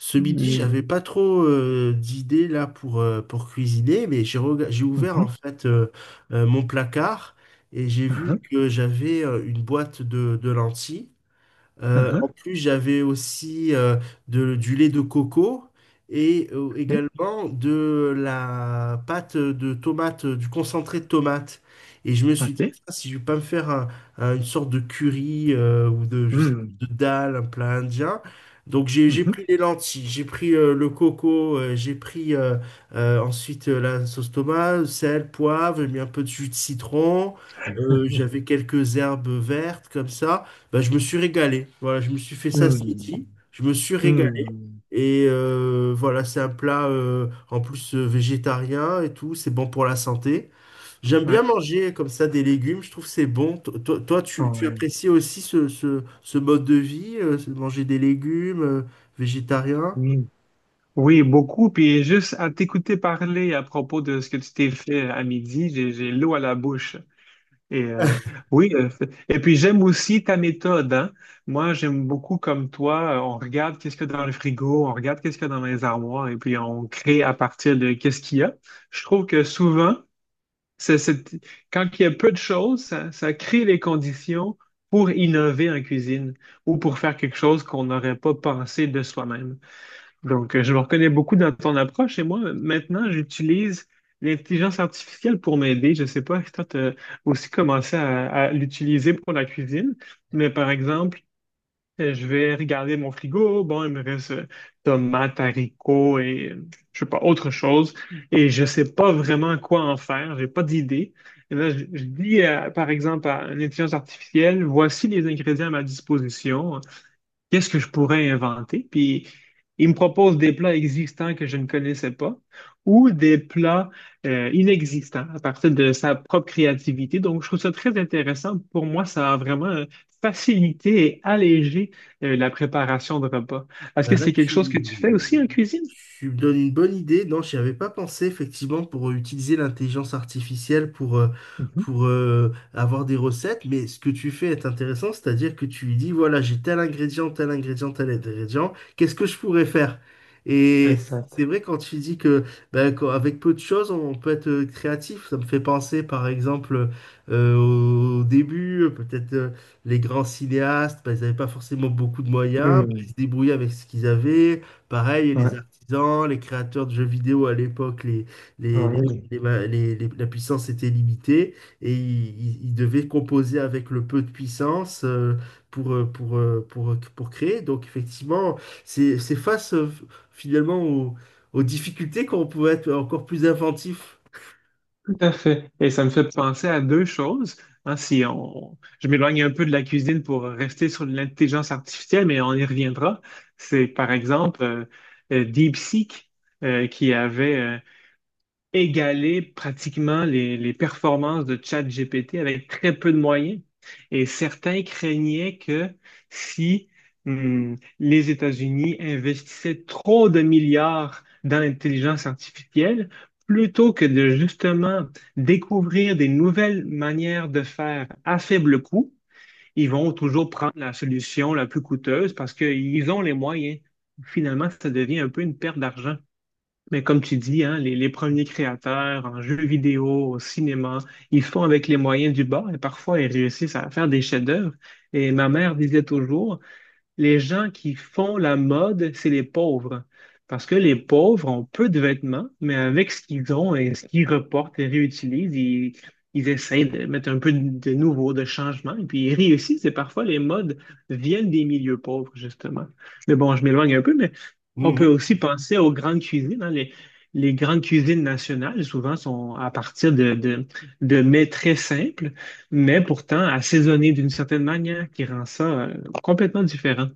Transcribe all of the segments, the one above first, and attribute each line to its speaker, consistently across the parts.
Speaker 1: Ce midi,
Speaker 2: Mhm,
Speaker 1: j'avais pas trop d'idées là pour cuisiner, mais j'ai ouvert
Speaker 2: mhm,
Speaker 1: en fait mon placard et j'ai vu
Speaker 2: aha,
Speaker 1: que j'avais une boîte de lentilles. En
Speaker 2: aha,
Speaker 1: plus, j'avais aussi du lait de coco et
Speaker 2: mhm,
Speaker 1: également de la pâte de tomate, du concentré de tomate. Et je me suis dit,
Speaker 2: ok.
Speaker 1: tiens, si je vais pas me faire une sorte de curry ou de, je sais
Speaker 2: Mhm,
Speaker 1: pas, de dal, un plat indien. Donc j'ai
Speaker 2: mhm.
Speaker 1: pris les lentilles, j'ai pris le coco, j'ai pris ensuite la sauce tomate, sel, poivre, j'ai mis un peu de jus de citron, j'avais quelques herbes vertes comme ça. Bah, je me suis régalé. Voilà, je me suis fait ça ce
Speaker 2: Mhm,
Speaker 1: midi. Je me suis régalé.
Speaker 2: hmm.
Speaker 1: Et voilà, c'est un plat en plus végétarien et tout. C'est bon pour la santé. J'aime bien
Speaker 2: Ouais,
Speaker 1: manger comme ça des légumes. Je trouve que c'est bon. Toi, tu
Speaker 2: ouais,
Speaker 1: apprécies aussi ce mode de vie, manger des légumes, végétariens.
Speaker 2: oui. Oui, beaucoup. Puis juste à t'écouter parler à propos de ce que tu t'es fait à midi, j'ai l'eau à la bouche. Et euh, oui, et puis j'aime aussi ta méthode, hein. Moi, j'aime beaucoup comme toi, on regarde qu'est-ce qu'il y a dans le frigo, on regarde qu'est-ce qu'il y a dans les armoires, et puis on crée à partir de qu'est-ce qu'il y a. Je trouve que souvent, C'est, c'est- quand il y a peu de choses, ça crée les conditions pour innover en cuisine ou pour faire quelque chose qu'on n'aurait pas pensé de soi-même. Donc, je me reconnais beaucoup dans ton approche et moi, maintenant, j'utilise l'intelligence artificielle pour m'aider. Je ne sais pas si toi, tu as aussi commencé à l'utiliser pour la cuisine, mais par exemple, je vais regarder mon frigo. Bon, il me reste tomates, haricots et je sais pas, autre chose. Et je sais pas vraiment quoi en faire. J'ai pas d'idée. Et là, je dis, par exemple, à une intelligence artificielle, voici les ingrédients à ma disposition, qu'est-ce que je pourrais inventer? Puis il me propose des plats existants que je ne connaissais pas ou des plats inexistants à partir de sa propre créativité. Donc, je trouve ça très intéressant. Pour moi, ça a vraiment facilité et allégé la préparation de repas. Est-ce
Speaker 1: Bah,
Speaker 2: que
Speaker 1: là,
Speaker 2: c'est quelque chose que tu fais aussi en cuisine?
Speaker 1: tu me donnes une bonne idée. Non, j'y avais pas pensé, effectivement, pour utiliser l'intelligence artificielle pour, euh,
Speaker 2: Mhm.
Speaker 1: pour euh, avoir des recettes. Mais ce que tu fais est intéressant, c'est-à-dire que tu lui dis, voilà, j'ai tel ingrédient, tel ingrédient, tel ingrédient, qu'est-ce que je pourrais faire? Et
Speaker 2: Exact.
Speaker 1: c'est vrai quand tu dis que bah, quand- avec peu de choses, on peut être créatif. Ça me fait penser, par exemple, au début, peut-être, les grands cinéastes, bah, ils n'avaient pas forcément beaucoup de moyens, bah, ils
Speaker 2: Hmm.
Speaker 1: se débrouillaient avec ce qu'ils avaient. Pareil, les
Speaker 2: Ouais.
Speaker 1: artisans, les créateurs de jeux vidéo à l'époque, les, les-
Speaker 2: Ouais.
Speaker 1: les ma- les- la puissance était limitée et ils devaient composer avec le peu de puissance pour, pour créer. Donc effectivement, c'est face finalement aux difficultés qu'on pouvait être encore plus inventif.
Speaker 2: Tout à fait. Et ça me fait penser à deux choses. Hein, si on, je m'éloigne un peu de la cuisine pour rester sur l'intelligence artificielle, mais on y reviendra. C'est par exemple DeepSeek qui avait égaler pratiquement les performances de ChatGPT avec très peu de moyens. Et certains craignaient que si les États-Unis investissaient trop de milliards dans l'intelligence artificielle, plutôt que de justement découvrir des nouvelles manières de faire à faible coût, ils vont toujours prendre la solution la plus coûteuse parce qu'ils ont les moyens. Finalement, ça devient un peu une perte d'argent. Mais comme tu dis, hein, les premiers créateurs en jeux vidéo, au cinéma, ils font avec les moyens du bord et parfois ils réussissent à faire des chefs-d'œuvre. Et ma mère disait toujours, les gens qui font la mode, c'est les pauvres. Parce que les pauvres ont peu de vêtements, mais avec ce qu'ils ont et ce qu'ils reportent et réutilisent, ils essaient de mettre un peu de nouveau, de changement, et puis ils réussissent. Et parfois, les modes viennent des milieux pauvres, justement. Mais bon, je m'éloigne un peu, mais on peut
Speaker 1: Mhm.
Speaker 2: aussi penser aux grandes cuisines. Hein. Les grandes cuisines nationales, souvent, sont à partir de mets très simples, mais pourtant assaisonnés d'une certaine manière qui rend ça euh, complètement différent.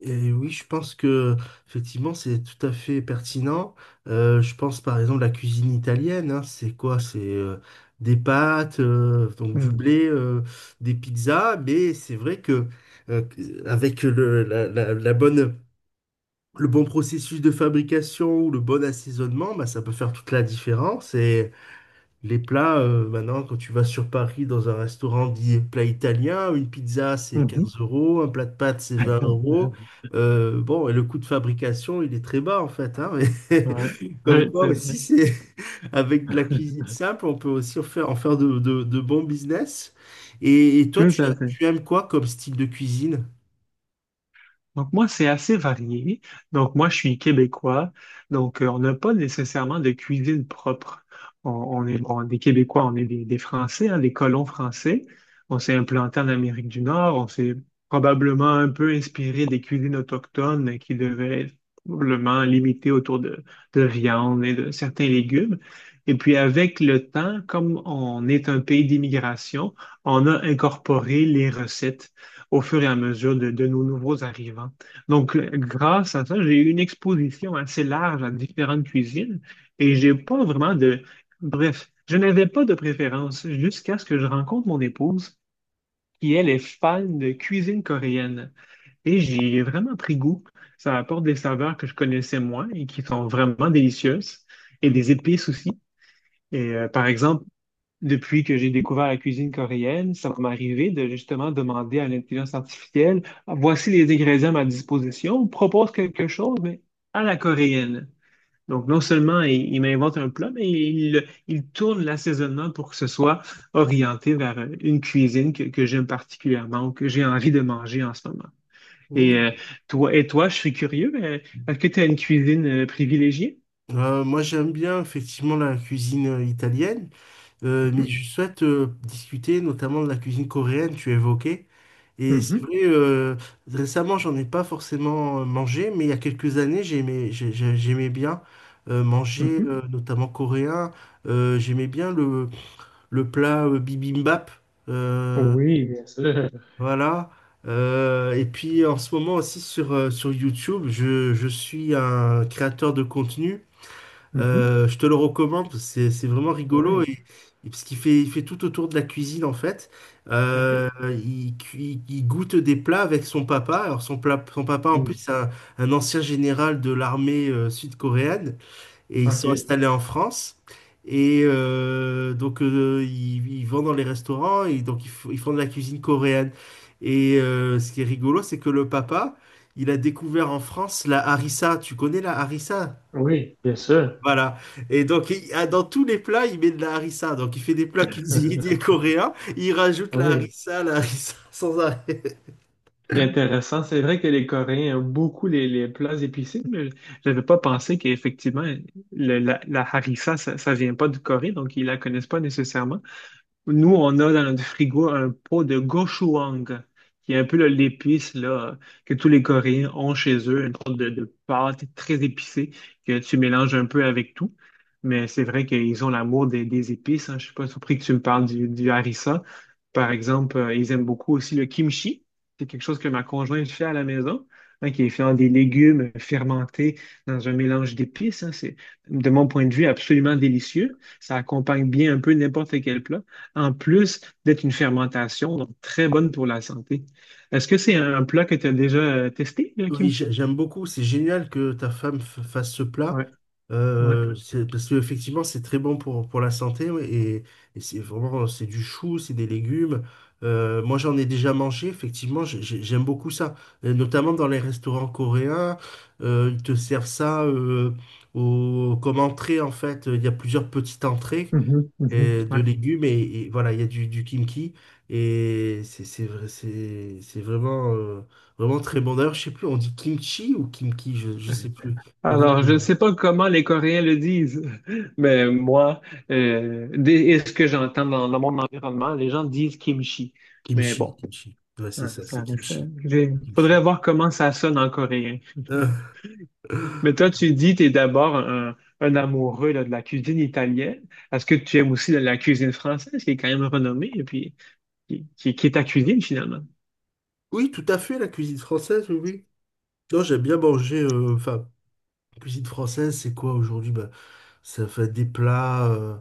Speaker 1: Et oui, je pense que effectivement c'est tout à fait pertinent. Je pense par exemple la cuisine italienne, hein, c'est quoi? C'est des pâtes, donc du
Speaker 2: Mmh.
Speaker 1: blé, des pizzas, mais c'est vrai que euh, avec la bonne, le bon processus de fabrication ou le bon assaisonnement, bah, ça peut faire toute la différence. Les plats, maintenant, quand tu vas sur Paris dans un restaurant dit plat italien, une pizza c'est
Speaker 2: Mmh
Speaker 1: 15 euros, un plat de pâtes c'est 20 euros.
Speaker 2: mh.
Speaker 1: Bon, et le coût de fabrication, il est très bas en fait, hein, mais
Speaker 2: Ouais.
Speaker 1: comme
Speaker 2: Ouais,
Speaker 1: quoi
Speaker 2: c'est vrai.
Speaker 1: aussi, c'est avec de la cuisine simple, on peut aussi en faire de bons business. Et toi,
Speaker 2: Tout à fait.
Speaker 1: tu aimes quoi comme style de cuisine?
Speaker 2: Donc moi, c'est assez varié. Donc moi, je suis québécois. Donc on n'a pas nécessairement de cuisine propre. On est bon, des Québécois, on est des Français, hein, des colons français. On s'est implanté en Amérique du Nord. On s'est probablement un peu inspiré des cuisines autochtones qui devaient être probablement limitées autour de viande et de certains légumes. Et puis avec le temps, comme on est un pays d'immigration, on a incorporé les recettes au fur et à mesure de nos nouveaux arrivants. Donc, grâce à ça, j'ai eu une exposition assez large à différentes cuisines et j'ai pas vraiment de… Bref, je n'avais pas de préférence jusqu'à ce que je rencontre mon épouse qui, elle, est fan de cuisine coréenne. Et j'y ai vraiment pris goût. Ça apporte des saveurs que je connaissais moins et qui sont vraiment délicieuses et des épices aussi. Par exemple, depuis que j'ai découvert la cuisine coréenne, ça va m'arriver de justement demander à l'intelligence artificielle, voici les ingrédients à ma disposition, propose quelque chose, mais à la coréenne. Donc, non seulement il m'invente un plat, mais il tourne l'assaisonnement pour que ce soit orienté vers une cuisine que j'aime particulièrement ou que j'ai envie de manger en ce moment. Et
Speaker 1: Hmm.
Speaker 2: euh, Toi, et toi, je suis curieux, est-ce que tu as une cuisine privilégiée?
Speaker 1: Moi, j'aime bien effectivement la cuisine italienne. Mais
Speaker 2: Mhm,
Speaker 1: je souhaite discuter notamment de la cuisine coréenne, tu évoquais. Et c'est
Speaker 2: mhm,
Speaker 1: vrai, récemment, j'en ai pas forcément mangé, mais il y a quelques années, j'aimais bien manger,
Speaker 2: mhm.
Speaker 1: notamment coréen. J'aimais bien le plat bibimbap. Euh,
Speaker 2: Oui, bien sûr.
Speaker 1: voilà. Et puis en ce moment aussi sur YouTube, je suis un créateur de contenu
Speaker 2: Mhm,
Speaker 1: je te le recommande, parce que c'est vraiment rigolo
Speaker 2: oui.
Speaker 1: et parce il fait tout autour de la cuisine en fait. Euh,
Speaker 2: OK.
Speaker 1: il il goûte des plats avec son papa. Alors son papa en plus
Speaker 2: Mm.
Speaker 1: c'est un ancien général de l'armée sud-coréenne et ils sont
Speaker 2: OK.
Speaker 1: installés en France. Et donc ils, ils vont dans les restaurants et donc ils font de la cuisine coréenne. Et ce qui est rigolo, c'est que le papa, il a découvert en France la harissa. Tu connais la harissa?
Speaker 2: Oui, bien sûr.
Speaker 1: Voilà. Et donc, il- ah, dans tous les plats, il met de la harissa. Donc, il fait des plats cuisinés coréens. Il rajoute
Speaker 2: Oui.
Speaker 1: la harissa sans arrêt.
Speaker 2: C'est intéressant. C'est vrai que les Coréens ont beaucoup les plats épicés, mais je n'avais pas pensé qu'effectivement, la, la harissa, ça vient pas du Corée, donc ils la connaissent pas nécessairement. Nous, on a dans notre frigo un pot de gochujang, qui est un peu l'épice là, que tous les Coréens ont chez eux, une sorte de pâte très épicée que tu mélanges un peu avec tout. Mais c'est vrai qu'ils ont l'amour des épices. Hein. Je suis pas surpris que tu me parles du harissa. Par exemple, ils aiment beaucoup aussi le kimchi. C'est quelque chose que ma conjointe fait à la maison, hein, qui est fait en des légumes fermentés dans un mélange d'épices. Hein. C'est, de mon point de vue, absolument délicieux. Ça accompagne bien un peu n'importe quel plat en plus d'être une fermentation, donc très bonne pour la santé. Est-ce que c'est un plat que tu as déjà testé, le
Speaker 1: Oui,
Speaker 2: kimchi?
Speaker 1: j'aime beaucoup. C'est génial que ta femme fasse ce plat.
Speaker 2: Ouais, ouais.
Speaker 1: C'est- parce qu'effectivement, c'est très bon pour la santé, ouais. Et c'est vraiment, c'est du chou, c'est des légumes. Moi, j'en ai déjà mangé. Effectivement, j'aime beaucoup ça. Et notamment dans les restaurants coréens. Euh, ils te servent ça, au- comme entrée, en fait, il y a plusieurs petites entrées
Speaker 2: Mhm, mhm,
Speaker 1: de
Speaker 2: ouais.
Speaker 1: légumes et voilà, il y a du kimchi et c'est vraiment, vraiment très bon. D'ailleurs, je sais plus, on dit kimchi ou kimchi, je sais plus. Faudrait que
Speaker 2: Alors,
Speaker 1: je-
Speaker 2: je ne sais pas comment les Coréens le disent, mais moi, et ce que j'entends dans, dans mon environnement, les gens disent kimchi. Mais
Speaker 1: Kimchi,
Speaker 2: bon,
Speaker 1: kimchi. Ouais, c'est
Speaker 2: hein,
Speaker 1: ça, c'est kimchi. Kimchi.
Speaker 2: faudrait voir comment ça sonne en coréen. Mais
Speaker 1: Euh,
Speaker 2: toi, tu dis, tu es d'abord un amoureux là, de la cuisine italienne. Est-ce que tu aimes aussi la cuisine française, qui est quand même renommée, et puis qui est ta cuisine finalement?
Speaker 1: oui, tout à fait, la cuisine française, oui, oui. Non, j'aime bien manger, enfin, cuisine française, c'est quoi aujourd'hui? Bah, ça fait des plats,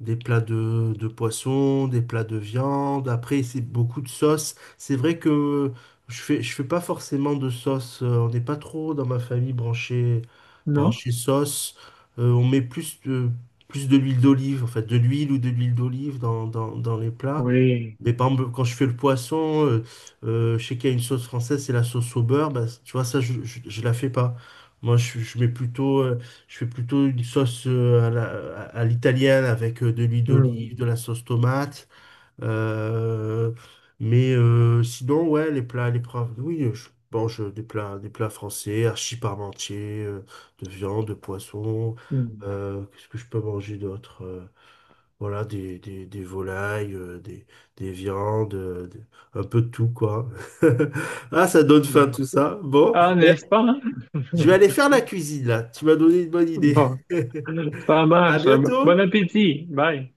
Speaker 1: des plats de poisson, des plats de viande. Après, c'est beaucoup de sauces. C'est vrai que je fais pas forcément de sauce. On n'est pas trop dans ma famille branché,
Speaker 2: Non?
Speaker 1: branché sauce. On met plus de l'huile d'olive, en fait, de l'huile ou de l'huile d'olive dans les plats.
Speaker 2: Oui.
Speaker 1: Mais par exemple, quand je fais le poisson, je sais qu'il y a une sauce française, c'est la sauce au beurre. Bah, tu vois, ça, je la fais pas. Moi, je mets plutôt, je fais plutôt une sauce à l'italienne avec de l'huile
Speaker 2: Hum,
Speaker 1: d'olive, de la sauce tomate. Euh, mais sinon, ouais, les plats, oui, je mange des plats français, archi parmentier, de viande, de poisson.
Speaker 2: hum,
Speaker 1: Qu'est-ce que je peux manger d'autre, euh? Voilà, des volailles, des viandes, des- un peu de tout, quoi. Ah, ça donne faim
Speaker 2: bon.
Speaker 1: tout ça. Bon,
Speaker 2: Ah,
Speaker 1: ben,
Speaker 2: n'est-ce pas? Hein?
Speaker 1: je vais aller faire la cuisine, là. Tu m'as donné une bonne idée.
Speaker 2: Bon, ça
Speaker 1: À
Speaker 2: marche. Bon
Speaker 1: bientôt!
Speaker 2: appétit. Bye.